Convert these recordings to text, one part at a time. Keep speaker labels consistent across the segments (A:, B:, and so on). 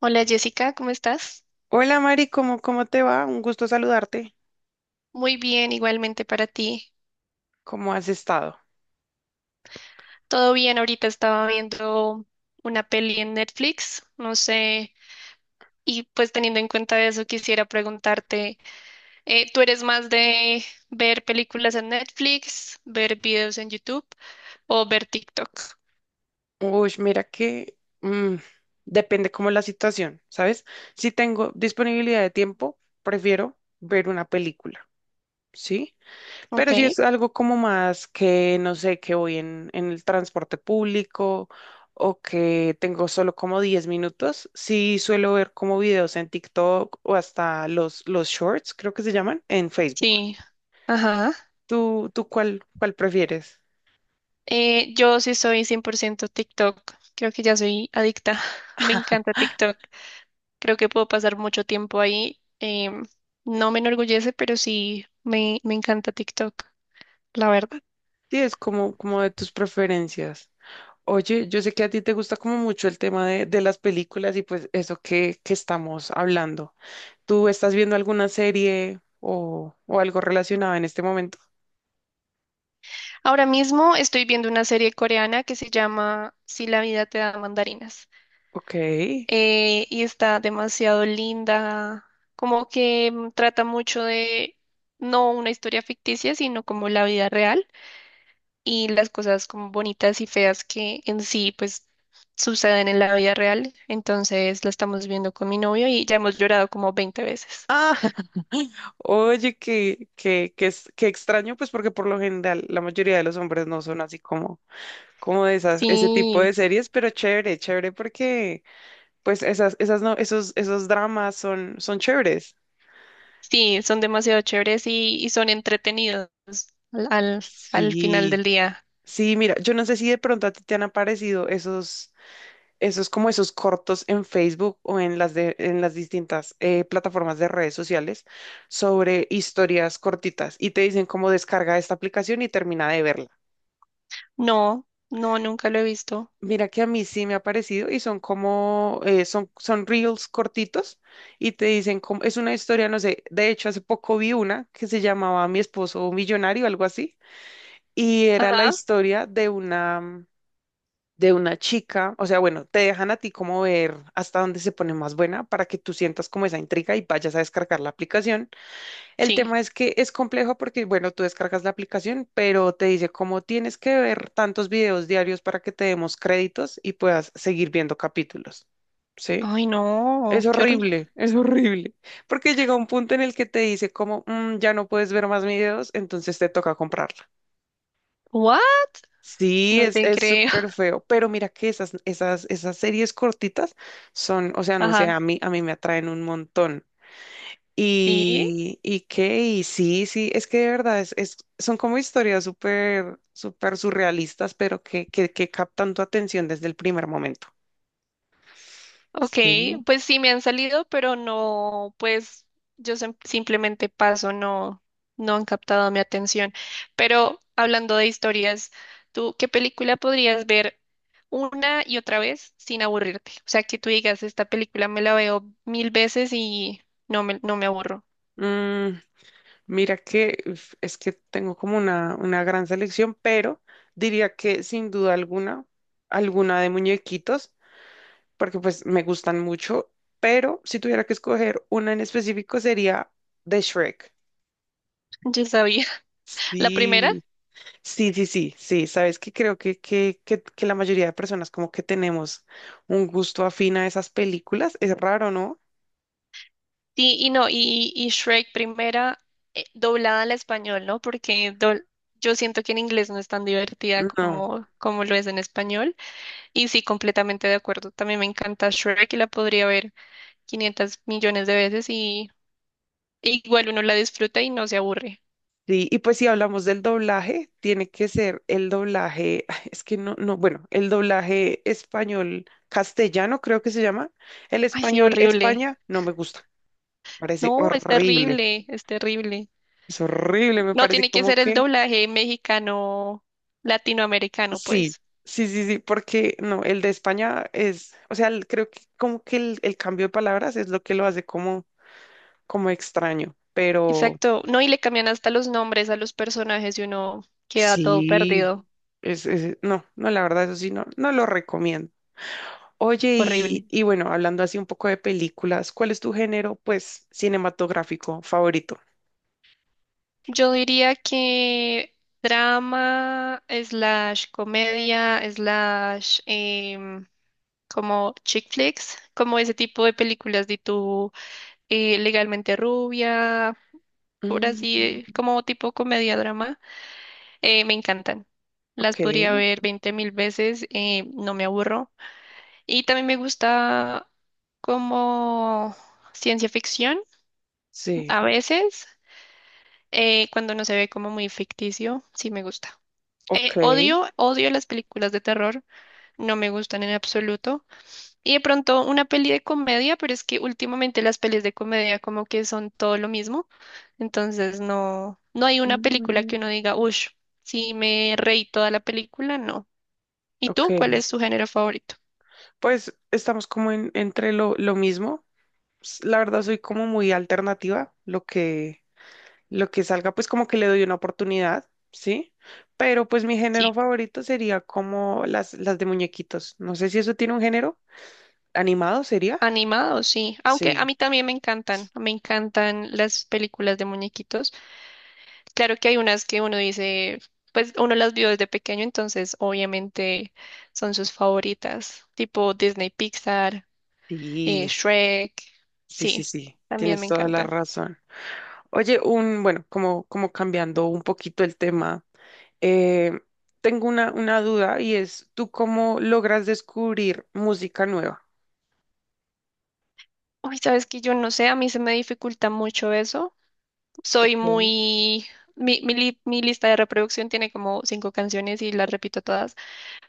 A: Hola Jessica, ¿cómo estás?
B: Hola Mari, ¿cómo te va? Un gusto saludarte.
A: Muy bien, igualmente para ti.
B: ¿Cómo has estado?
A: Todo bien, ahorita estaba viendo una peli en Netflix, no sé, y pues teniendo en cuenta eso quisiera preguntarte, ¿tú eres más de ver películas en Netflix, ver videos en YouTube o ver TikTok?
B: Uy, mira que depende cómo la situación, ¿sabes? Si tengo disponibilidad de tiempo, prefiero ver una película, ¿sí?
A: Ok,
B: Pero si es algo como más que, no sé, que voy en, el transporte público o que tengo solo como 10 minutos, sí suelo ver como videos en TikTok o hasta los shorts, creo que se llaman, en Facebook.
A: sí, ajá.
B: ¿Tú cuál prefieres?
A: Yo sí soy 100% TikTok, creo que ya soy adicta, me encanta TikTok. Creo que puedo pasar mucho tiempo ahí. No me enorgullece, pero sí me encanta TikTok, la verdad.
B: Sí, es como de tus preferencias. Oye, yo sé que a ti te gusta como mucho el tema de, las películas y pues eso que estamos hablando. ¿Tú estás viendo alguna serie o algo relacionado en este momento?
A: Ahora mismo estoy viendo una serie coreana que se llama Si la vida te da mandarinas.
B: Ok.
A: Y está demasiado linda, como que trata mucho de no una historia ficticia, sino como la vida real. Y las cosas como bonitas y feas que en sí pues suceden en la vida real. Entonces la estamos viendo con mi novio y ya hemos llorado como veinte veces.
B: Ah, oye, que extraño, pues porque por lo general la mayoría de los hombres no son así como ese tipo de
A: Sí,
B: series, pero chévere, chévere porque pues esas no, esos dramas son chéveres.
A: sí, son demasiado chéveres y son entretenidos al, al, al final
B: Sí.
A: del día.
B: Sí, mira, yo no sé si de pronto a ti te han aparecido esos cortos en Facebook o en las distintas plataformas de redes sociales sobre historias cortitas y te dicen cómo descarga esta aplicación y termina de verla.
A: No, no, nunca lo he visto.
B: Mira que a mí sí me ha parecido y son reels cortitos y te dicen cómo, es una historia, no sé, de hecho hace poco vi una que se llamaba Mi esposo millonario, algo así, y era la
A: Ajá.
B: historia de una chica, o sea, bueno, te dejan a ti como ver hasta dónde se pone más buena para que tú sientas como esa intriga y vayas a descargar la aplicación. El
A: Sí.
B: tema es que es complejo porque, bueno, tú descargas la aplicación, pero te dice cómo tienes que ver tantos videos diarios para que te demos créditos y puedas seguir viendo capítulos. ¿Sí?
A: Ay,
B: Es
A: no, qué horrible.
B: horrible, es horrible, porque llega un punto en el que te dice como, "Mm, ya no puedes ver más videos, entonces te toca comprarlo."
A: ¿What?
B: Sí,
A: No
B: es,
A: te
B: es
A: creo.
B: súper feo, pero mira que esas series cortitas son, o sea, no sé, a
A: Ajá.
B: mí, a mí me atraen un montón.
A: Sí.
B: Y qué, y sí, sí, es que de verdad son como historias súper, súper surrealistas, pero que captan tu atención desde el primer momento.
A: Ok,
B: Sí, ¿no?
A: pues sí me han salido, pero no, pues yo simplemente paso, no, no han captado mi atención. Pero hablando de historias, ¿tú qué película podrías ver una y otra vez sin aburrirte? O sea, que tú digas, esta película me la veo mil veces y no me aburro.
B: Mm, Mira que uf, es que tengo como una gran selección, pero diría que sin duda alguna, alguna de muñequitos. Porque pues me gustan mucho, pero si tuviera que escoger una en específico sería de Shrek.
A: Yo sabía. La primera,
B: Sí, sí, sí, sí, sí, sabes que creo que la mayoría de personas como que tenemos un gusto afín a esas películas, es raro, ¿no?
A: sí, y no, y Shrek primera, doblada al español, ¿no? Yo siento que en inglés no es tan divertida
B: No.
A: como, como lo es en español. Y sí, completamente de acuerdo. También me encanta Shrek y la podría ver 500 millones de veces y igual uno la disfruta y no se aburre.
B: Sí, y pues si hablamos del doblaje, tiene que ser el doblaje, es que no, no, bueno, el doblaje español castellano creo que se llama, el
A: Ay, sí,
B: español
A: horrible.
B: España no me gusta, parece
A: No, es
B: horrible.
A: terrible, es terrible.
B: Es horrible, me
A: No,
B: parece
A: tiene que
B: como
A: ser el
B: que
A: doblaje mexicano, latinoamericano,
B: sí,
A: pues.
B: sí, sí, sí, porque no, el de España es, o sea, el- creo que como que el cambio de palabras es lo que lo hace como extraño, pero
A: Exacto. No, y le cambian hasta los nombres a los personajes y uno queda todo
B: sí,
A: perdido.
B: no, no, la verdad, eso sí, no, no lo recomiendo. Oye, y,
A: Horrible.
B: y bueno, hablando así un poco de películas, ¿cuál es tu género, pues, cinematográfico favorito?
A: Yo diría que drama, slash comedia, slash... como chick flicks, como ese tipo de películas de tu legalmente rubia, por así,
B: Mm,
A: como tipo comedia drama, me encantan. Las
B: ok,
A: podría ver 20 mil veces, no me aburro. Y también me gusta como ciencia ficción,
B: sí,
A: a veces, cuando no se ve como muy ficticio, sí me gusta.
B: ok,
A: Odio las películas de terror, no me gustan en absoluto. Y de pronto una peli de comedia, pero es que últimamente las pelis de comedia como que son todo lo mismo. Entonces no, no hay una película que
B: mm,
A: uno diga, uff, si me reí toda la película, no. ¿Y
B: ok.
A: tú cuál es tu género favorito?
B: Pues estamos como entre lo mismo. La verdad soy como muy alternativa, lo que salga, pues como que le doy una oportunidad, ¿sí? Pero pues mi
A: Sí.
B: género favorito sería como las de muñequitos. No sé si eso tiene un género. ¿Animado sería?
A: Animado, sí. Aunque a
B: Sí,
A: mí también me encantan las películas de muñequitos. Claro que hay unas que uno dice, pues uno las vio desde pequeño, entonces obviamente son sus favoritas, tipo Disney Pixar,
B: sí,
A: Shrek,
B: sí, sí,
A: sí,
B: sí.
A: también
B: Tienes
A: me
B: toda la
A: encantan.
B: razón. Oye, bueno, como cambiando un poquito el tema, eh, tengo una duda y es, ¿tú cómo logras descubrir música nueva?
A: Uy, sabes que yo no sé, a mí se me dificulta mucho eso. Soy
B: Ok,
A: muy... Mi lista de reproducción tiene como cinco canciones y las repito todas,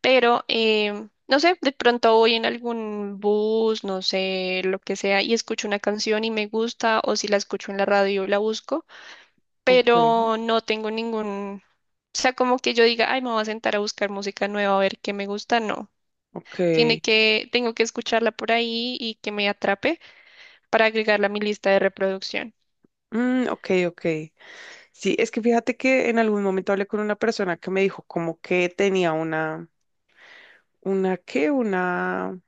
A: pero no sé, de pronto voy en algún bus, no sé, lo que sea, y escucho una canción y me gusta, o si la escucho en la radio la busco,
B: ok,
A: pero no tengo ningún... O sea, como que yo diga, ay, me voy a sentar a buscar música nueva a ver qué me gusta, no.
B: ok.
A: Tengo que escucharla por ahí y que me atrape para agregarla a mi lista de reproducción.
B: Mm, ok, ok. Sí, es que fíjate que en algún momento hablé con una persona que me dijo como que tenía una, ¿qué? Una,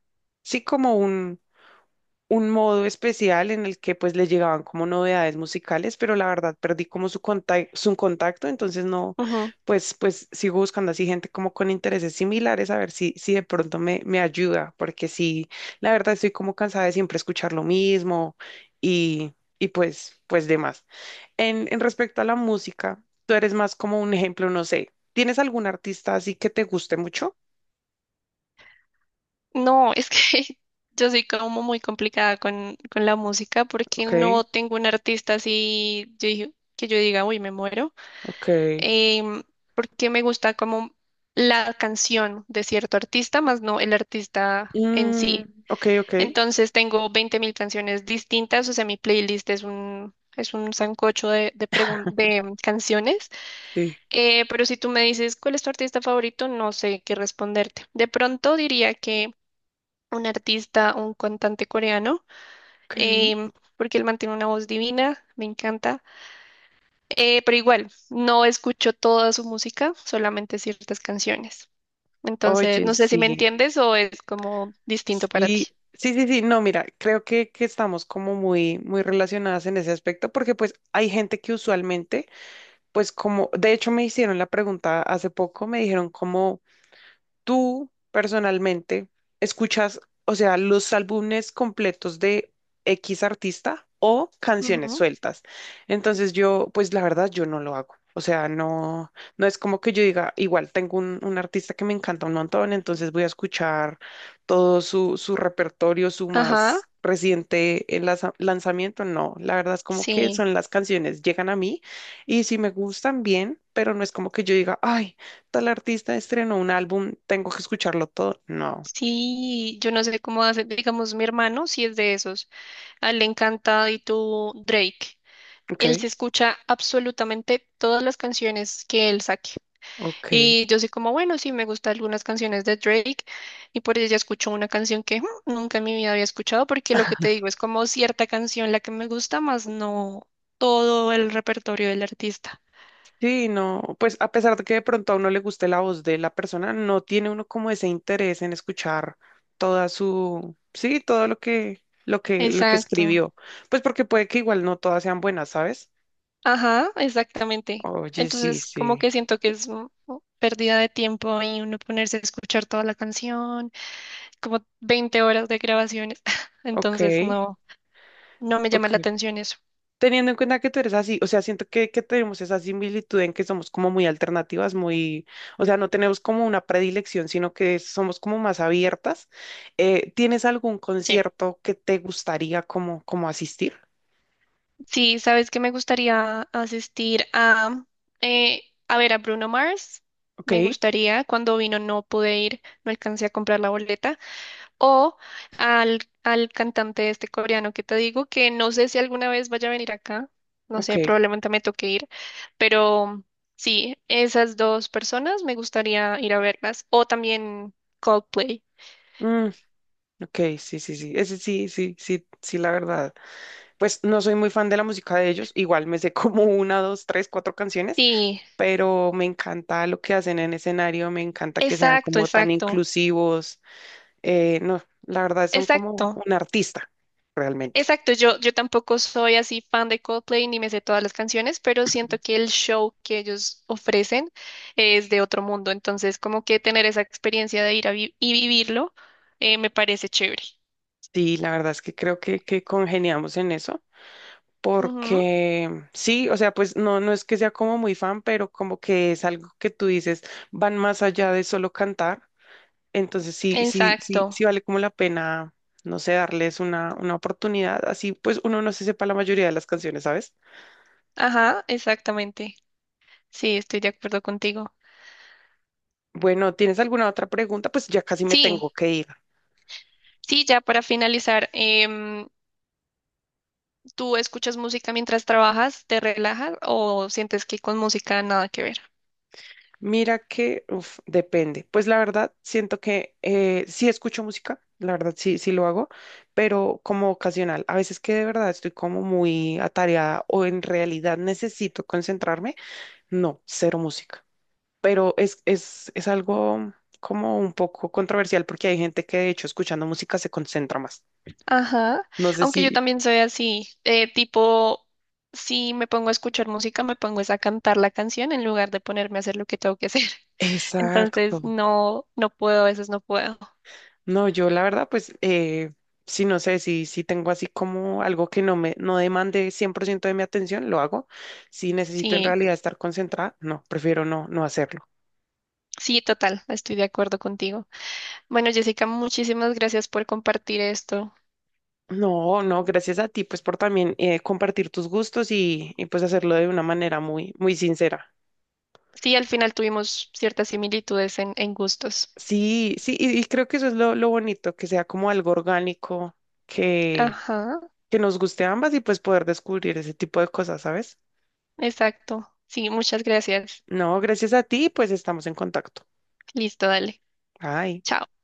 B: sí, como un modo especial en el que pues le llegaban como novedades musicales, pero la verdad perdí como su contacto, entonces no,
A: Ujú.
B: pues sigo buscando así gente como con intereses similares a ver si de pronto me ayuda, porque sí, la verdad estoy como cansada de siempre escuchar lo mismo y, y pues demás. En respecto a la música, tú eres más como un ejemplo, no sé, ¿tienes algún artista así que te guste mucho?
A: No, es que yo soy como muy complicada con la música porque
B: Ok,
A: no tengo un artista que yo diga, uy, me muero.
B: ok.
A: Em, Porque me gusta como la canción de cierto artista, más no el artista en
B: Mm,
A: sí.
B: ok, ok.
A: Entonces tengo 20.000 canciones distintas, o sea, mi playlist es un sancocho de canciones.
B: Sí.
A: Pero si tú me dices cuál es tu artista favorito, no sé qué responderte. De pronto diría que un artista, un cantante coreano,
B: Ok.
A: em, porque él mantiene una voz divina, me encanta. Pero igual, no escucho toda su música, solamente ciertas canciones. Entonces,
B: Oye,
A: no sé si me
B: sí,
A: entiendes o es como distinto para ti.
B: sí, sí, sí, sí, no, mira, creo que estamos como muy, muy relacionadas en ese aspecto porque pues hay gente que usualmente, pues como, de hecho me hicieron la pregunta hace poco, me dijeron como... ¿Tú personalmente escuchas, o sea, los álbumes completos de X artista o canciones
A: Ujú.
B: sueltas? Entonces yo, pues la verdad, yo no lo hago. O sea, no, no es como que yo diga, igual tengo un artista que me encanta un montón, entonces voy a escuchar todo su repertorio, su
A: Ajá,
B: más reciente lanzamiento. No, la verdad es como que
A: sí,
B: son las canciones, llegan a mí y si me gustan bien, pero no es como que yo diga, ay tal artista estrenó un álbum, tengo que escucharlo todo. No.
A: sí, yo no sé cómo hace, digamos, mi hermano sí es de esos, a él le encanta y tú Drake,
B: Ok,
A: él se escucha absolutamente todas las canciones que él saque.
B: ok.
A: Y yo soy como, bueno, sí, me gustan algunas canciones de Drake y por ella escucho una canción que "Hmm, nunca en mi vida había escuchado", porque lo que te digo es como cierta canción la que me gusta, más no todo el repertorio del artista.
B: Sí, no, pues a pesar de que de pronto a uno le guste la voz de la persona, no tiene uno como ese interés en escuchar toda su, sí, todo lo que
A: Exacto.
B: escribió. Pues porque puede que igual no todas sean buenas, ¿sabes?
A: Ajá, exactamente.
B: Oye, sí,
A: Entonces, como
B: sí.
A: que siento que es pérdida de tiempo y uno ponerse a escuchar toda la canción, como 20 horas de grabaciones.
B: Ok,
A: Entonces, no, no me llama la
B: ok.
A: atención eso.
B: Teniendo en cuenta que tú eres así, o sea, siento que tenemos esa similitud en que somos como muy alternativas, muy, o sea, no tenemos como una predilección, sino que somos como más abiertas. ¿Tienes algún
A: Sí.
B: concierto que te gustaría como asistir?
A: Sí, sabes que me gustaría asistir eh, a ver a Bruno Mars.
B: Ok,
A: Me gustaría, cuando vino no pude ir, no alcancé a comprar la boleta. O al, al cantante este coreano que te digo, que no sé si alguna vez vaya a venir acá. No
B: ok.
A: sé, probablemente me toque ir. Pero sí, esas dos personas me gustaría ir a verlas. O también Coldplay.
B: Mm, ok, sí, sí, sí. Ese sí, sí, sí, sí, la verdad. Pues no soy muy fan de la música de ellos. Igual me sé como una, dos, tres, cuatro canciones,
A: Sí,
B: pero me encanta lo que hacen en escenario, me encanta que sean
A: exacto,
B: como tan
A: exacto,
B: inclusivos. No, la verdad son como
A: exacto.
B: un artista, realmente.
A: Exacto, yo tampoco soy así fan de Coldplay ni me sé todas las canciones, pero siento que el show que ellos ofrecen es de otro mundo, entonces como que tener esa experiencia de ir a vivirlo, me parece chévere.
B: Sí, la verdad es que creo que congeniamos en eso,
A: Ujú.
B: porque sí, o sea, pues no, no es que sea como muy fan, pero como que es algo que tú dices, van más allá de solo cantar. Entonces sí, sí, sí,
A: Exacto,
B: sí vale como la pena, no sé, darles una oportunidad. Así pues uno no se sepa la mayoría de las canciones, ¿sabes?
A: ajá, exactamente. Sí, estoy de acuerdo contigo.
B: Bueno, ¿tienes alguna otra pregunta? Pues ya casi me
A: Sí,
B: tengo que ir.
A: sí, ya para finalizar, ¿tú escuchas música mientras trabajas, te relajas o sientes que con música nada que ver?
B: Mira que, uf, depende. Pues la verdad, siento que sí escucho música, la verdad sí, sí lo hago, pero como ocasional. A veces que de verdad estoy como muy atareada o en realidad necesito concentrarme, no, cero música. Pero es algo como un poco controversial porque hay gente que de hecho escuchando música se concentra más.
A: Ajá,
B: No sé
A: aunque
B: si...
A: yo también soy así, tipo, si me pongo a escuchar música, me pongo es a cantar la canción en lugar de ponerme a hacer lo que tengo que hacer. Entonces,
B: Exacto.
A: no, no puedo, a veces no puedo.
B: No, yo la verdad, pues, sí, no sé, si tengo así como algo que no demande 100% de mi atención, lo hago. Si necesito en
A: Sí,
B: realidad estar concentrada, no, prefiero no, no hacerlo.
A: sí, total, estoy de acuerdo contigo. Bueno, Jessica, muchísimas gracias por compartir esto.
B: No, no, gracias a ti, pues, por también compartir tus gustos y, pues hacerlo de una manera muy, muy sincera.
A: Sí, al final tuvimos ciertas similitudes en gustos.
B: Sí, sí, y creo que eso es lo bonito, que, sea como algo orgánico, que,
A: Ajá,
B: que nos guste a ambas y pues poder descubrir ese tipo de cosas, ¿sabes?
A: exacto. Sí, muchas gracias.
B: No, gracias a ti, pues estamos en contacto.
A: Listo, dale.
B: Ay.
A: Chao.